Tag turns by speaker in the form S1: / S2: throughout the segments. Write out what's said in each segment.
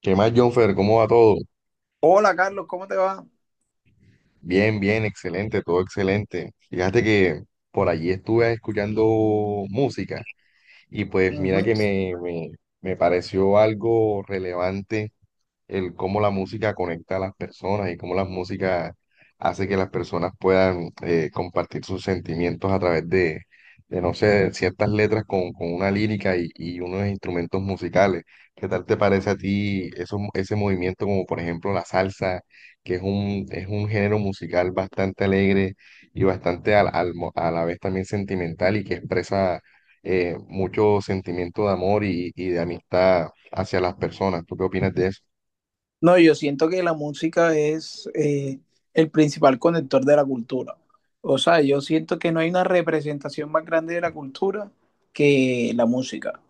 S1: ¿Qué más, Jonfer? ¿Cómo va todo?
S2: Hola Carlos, ¿cómo te va?
S1: Bien, bien, excelente, todo excelente. Fíjate que por allí estuve escuchando música. Y pues mira que
S2: Ujú.
S1: me pareció algo relevante el cómo la música conecta a las personas y cómo la música hace que las personas puedan compartir sus sentimientos a través de, no sé, ciertas letras con una lírica y unos instrumentos musicales. ¿Qué tal te parece a ti eso, ese movimiento como por ejemplo la salsa? Que es es un género musical bastante alegre y bastante a la vez también sentimental y que expresa mucho sentimiento de amor y de amistad hacia las personas. ¿Tú qué opinas de eso?
S2: No, yo siento que la música es el principal conector de la cultura. O sea, yo siento que no hay una representación más grande de la cultura que la música.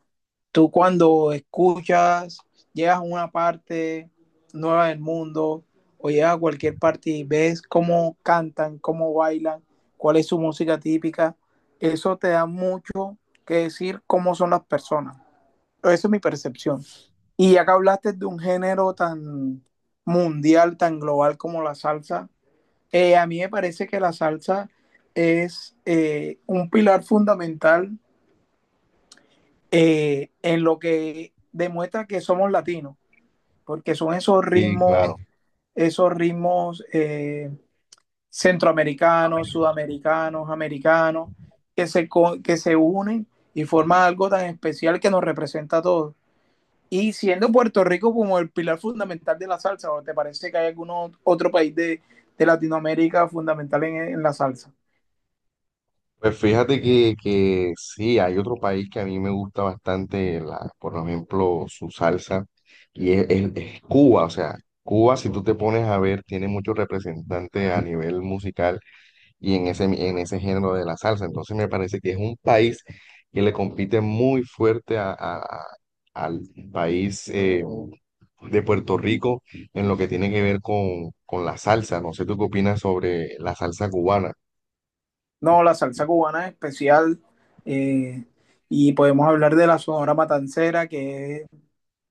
S2: Tú cuando escuchas, llegas a una parte nueva del mundo o llegas a cualquier parte y ves cómo cantan, cómo bailan, cuál es su música típica, eso te da mucho que decir cómo son las personas. Esa es mi percepción. Y acá hablaste de un género tan mundial, tan global como la salsa. A mí me parece que la salsa es un pilar fundamental en lo que demuestra que somos latinos, porque son esos
S1: Sí,
S2: ritmos,
S1: claro.
S2: esos ritmos centroamericanos, sudamericanos, americanos, que se unen y forman algo tan especial que nos representa a todos. Y siendo Puerto Rico como el pilar fundamental de la salsa, ¿o te parece que hay algún otro país de Latinoamérica fundamental en la salsa?
S1: Pues fíjate que sí, hay otro país que a mí me gusta bastante, la, por ejemplo, su salsa, y es Cuba. O sea, Cuba, si tú te pones a ver, tiene muchos representantes a nivel musical y en en ese género de la salsa. Entonces me parece que es un país que le compite muy fuerte al país de Puerto Rico en lo que tiene que ver con la salsa. No sé tú qué opinas sobre la salsa cubana.
S2: No, la salsa cubana es especial. Eh, y podemos hablar de la Sonora Matancera, que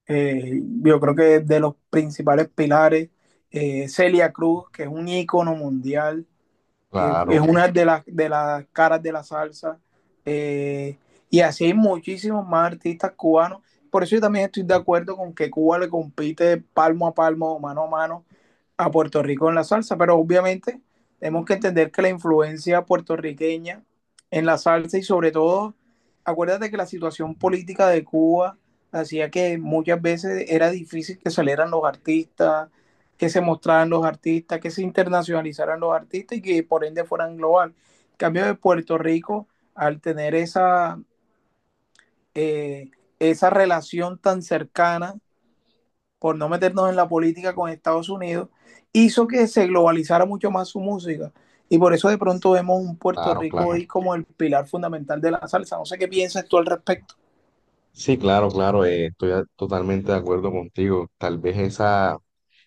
S2: yo creo que es de los principales pilares. Celia Cruz, que es un ícono mundial, que es
S1: Claro,
S2: una de de las caras de la salsa. Eh, y así hay muchísimos más artistas cubanos. Por eso yo también estoy de acuerdo con que Cuba le compite palmo a palmo, mano a mano a Puerto Rico en la salsa, pero obviamente tenemos que entender que la influencia puertorriqueña en la salsa y, sobre todo, acuérdate que la situación política de Cuba hacía que muchas veces era difícil que salieran los artistas, que se mostraran los artistas, que se internacionalizaran los artistas y que por ende fueran global. En cambio, de Puerto Rico, al tener esa, eh, esa relación tan cercana, por no meternos en la política con Estados Unidos, hizo que se globalizara mucho más su música. Y por eso de pronto vemos un Puerto
S1: claro,
S2: Rico
S1: claro.
S2: hoy como el pilar fundamental de la salsa. No sé qué piensas tú al respecto.
S1: Sí, claro, claro, totalmente de acuerdo contigo. Tal vez esa,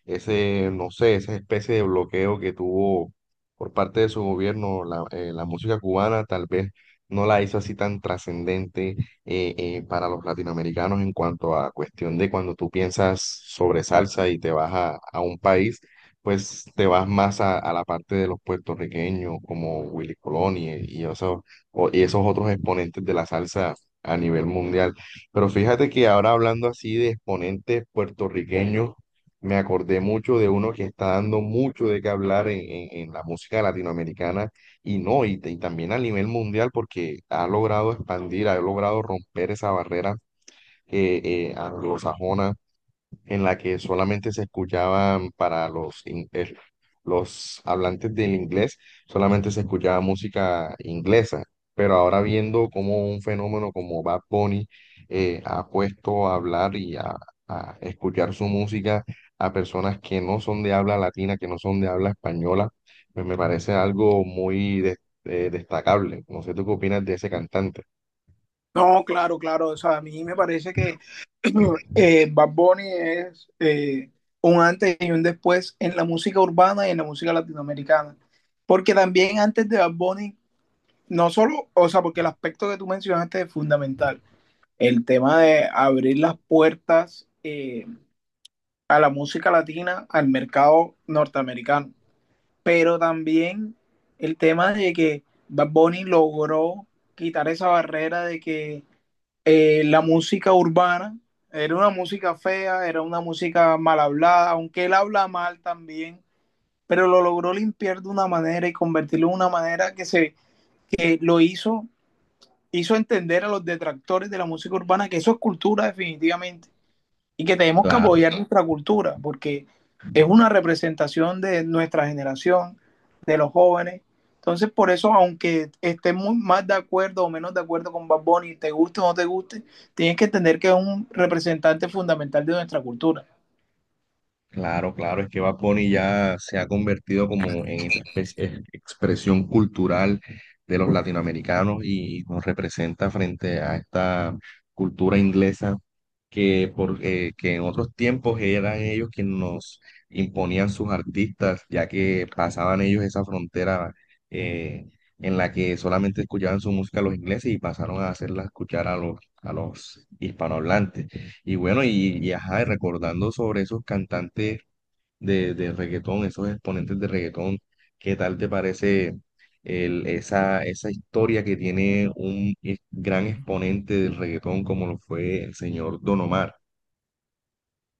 S1: ese, no sé, esa especie de bloqueo que tuvo por parte de su gobierno la música cubana, tal vez no la hizo así tan trascendente para los latinoamericanos en cuanto a cuestión de cuando tú piensas sobre salsa y te vas a un país, pues te vas más a la parte de los puertorriqueños como Willy Colón y esos, y esos otros exponentes de la salsa a nivel mundial. Pero fíjate que ahora hablando así de exponentes puertorriqueños, me acordé mucho de uno que está dando mucho de qué hablar en la música latinoamericana y no, y también a nivel mundial porque ha logrado expandir, ha logrado romper esa barrera anglosajona en la que solamente se escuchaban para los, los hablantes del inglés, solamente se escuchaba música inglesa. Pero ahora viendo cómo un fenómeno como Bad Bunny ha puesto a hablar a escuchar su música a personas que no son de habla latina, que no son de habla española, pues me parece algo muy destacable. No sé tú qué opinas de ese cantante.
S2: No, claro, claro. O sea, a mí me parece que Bad Bunny es un antes y un después en la música urbana y en la música latinoamericana. Porque también antes de Bad Bunny, no solo, o sea, porque el aspecto que tú mencionaste es fundamental. El tema de abrir las puertas a la música latina, al mercado norteamericano. Pero también el tema de que Bad Bunny logró quitar esa barrera de que la música urbana era una música fea, era una música mal hablada, aunque él habla mal también, pero lo logró limpiar de una manera y convertirlo en una manera que, se, que lo hizo, hizo entender a los detractores de la música urbana que eso es cultura definitivamente y que tenemos que apoyar nuestra cultura, porque es una representación de nuestra generación, de los jóvenes. Entonces, por eso, aunque estés muy más de acuerdo o menos de acuerdo con Bad Bunny, te guste o no te guste, tienes que entender que es un representante fundamental de nuestra cultura.
S1: Claro, claro, es que Bad Bunny ya se ha convertido como en esa especie de expresión cultural de los latinoamericanos y nos representa frente a esta cultura inglesa que en otros tiempos eran ellos quienes nos imponían sus artistas, ya que pasaban ellos esa frontera eh, en la que solamente escuchaban su música los ingleses y pasaron a hacerla escuchar a los hispanohablantes. Y bueno, y ajá, y recordando sobre esos cantantes de reggaetón, esos exponentes de reggaetón, ¿qué tal te parece esa historia que tiene un gran exponente del reggaetón como lo fue el señor Don Omar?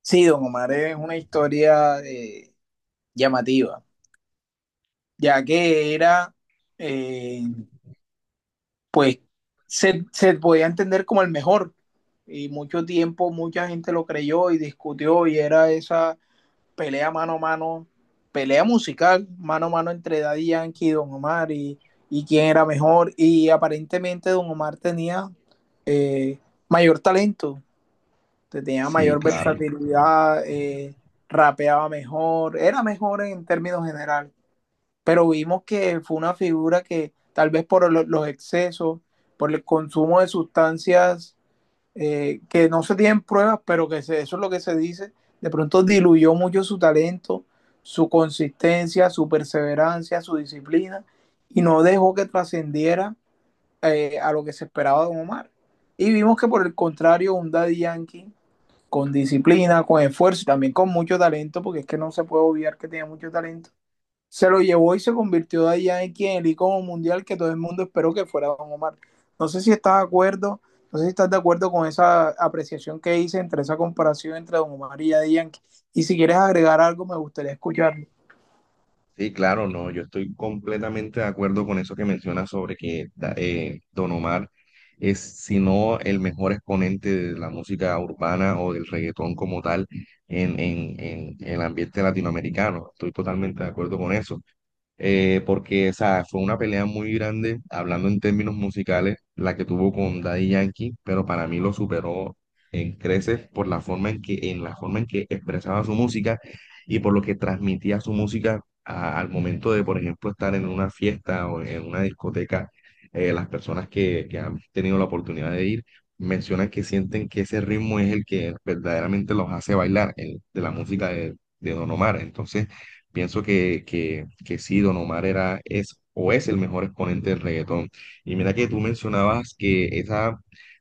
S2: Sí, Don Omar es una historia llamativa, ya que era, eh, pues, se podía entender como el mejor, y mucho tiempo mucha gente lo creyó y discutió y era esa pelea mano a mano, pelea musical mano a mano entre Daddy Yankee y Don Omar, y quién era mejor. Y aparentemente Don Omar tenía eh, mayor talento, tenía
S1: Sí,
S2: mayor
S1: claro.
S2: versatilidad, rapeaba mejor, era mejor en términos generales. Pero vimos que fue una figura que tal vez por los excesos, por el consumo de sustancias que no se tienen pruebas, pero que se, eso es lo que se dice, de pronto diluyó mucho su talento, su consistencia, su perseverancia, su disciplina, y no dejó que trascendiera a lo que se esperaba de Don Omar. Y vimos que, por el contrario, un Daddy Yankee con disciplina, con esfuerzo y también con mucho talento, porque es que no se puede obviar que tenía mucho talento, se lo llevó y se convirtió de allá en quien el icono mundial que todo el mundo esperó que fuera Don Omar. No sé si estás de acuerdo, no sé si estás de acuerdo con esa apreciación que hice entre esa comparación entre Don Omar y Daddy Yankee. Y si quieres agregar algo, me gustaría escucharlo.
S1: Sí, claro, no, yo estoy completamente de acuerdo con eso que mencionas sobre que Don Omar es, si no el mejor exponente de la música urbana o del reggaetón como tal en el ambiente latinoamericano. Estoy totalmente de acuerdo con eso porque, o sea, fue una pelea muy grande, hablando en términos musicales, la que tuvo con Daddy Yankee, pero para mí lo superó en creces por la forma en en la forma en que expresaba su música y por lo que transmitía su música al momento de, por ejemplo, estar en una fiesta o en una discoteca. Las personas que han tenido la oportunidad de ir mencionan que sienten que ese ritmo es el que verdaderamente los hace bailar, el de la música de Don Omar. Entonces, pienso que sí, Don Omar era, es o es el mejor exponente del reggaetón. Y mira que tú mencionabas que esa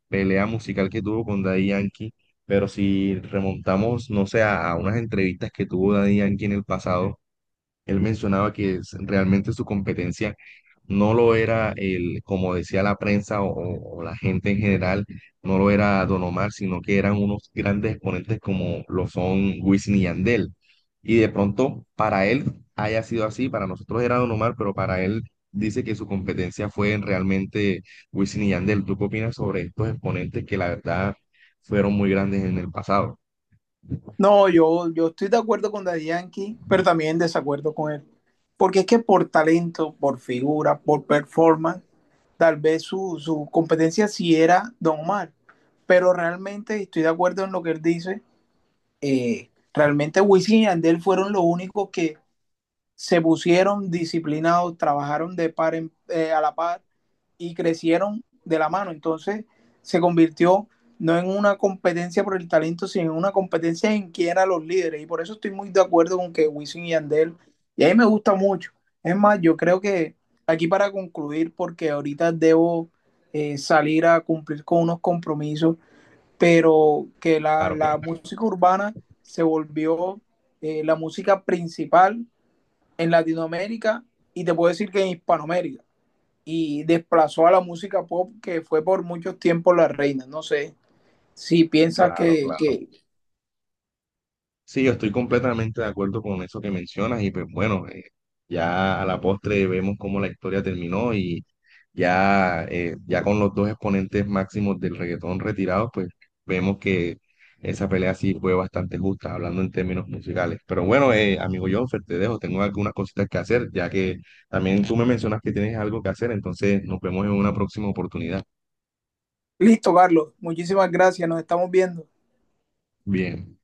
S1: pelea musical que tuvo con Daddy Yankee, pero si remontamos, no sé, a unas entrevistas que tuvo Daddy Yankee en el pasado, él mencionaba realmente su competencia no lo era el, como decía la prensa o la gente en general, no lo era Don Omar, sino que eran unos grandes exponentes como lo son Wisin y Yandel. Y de pronto para él haya sido así, para nosotros era Don Omar, pero para él dice que su competencia fue realmente Wisin y Yandel. ¿Tú qué opinas sobre estos exponentes que la verdad fueron muy grandes en el pasado?
S2: No, yo estoy de acuerdo con Daddy Yankee, pero también en desacuerdo con él. Porque es que por talento, por figura, por performance, tal vez su competencia sí era Don Omar. Pero realmente estoy de acuerdo en lo que él dice. Realmente Wisin y Andel fueron los únicos que se pusieron disciplinados, trabajaron de par en, a la par, y crecieron de la mano. Entonces se convirtió no en una competencia por el talento, sino en una competencia en quién eran los líderes. Y por eso estoy muy de acuerdo con que Wisin y Andel, y a mí me gusta mucho. Es más, yo creo que aquí para concluir, porque ahorita debo salir a cumplir con unos compromisos, pero que
S1: Claro, claro,
S2: la música urbana se volvió la música principal en Latinoamérica, y te puedo decir que en Hispanoamérica, y desplazó a la música pop, que fue por muchos tiempos la reina. No sé si piensas
S1: claro, claro.
S2: que...
S1: Sí, yo estoy completamente de acuerdo con eso que mencionas y pues bueno, ya a la postre vemos cómo la historia terminó y ya, ya con los dos exponentes máximos del reggaetón retirados, pues vemos que esa pelea sí fue bastante justa, hablando en términos musicales. Pero bueno, amigo Jonfer, te dejo, tengo algunas cositas que hacer, ya que también tú me mencionas que tienes algo que hacer, entonces nos vemos en una próxima oportunidad.
S2: Listo, Carlos. Muchísimas gracias. Nos estamos viendo.
S1: Bien.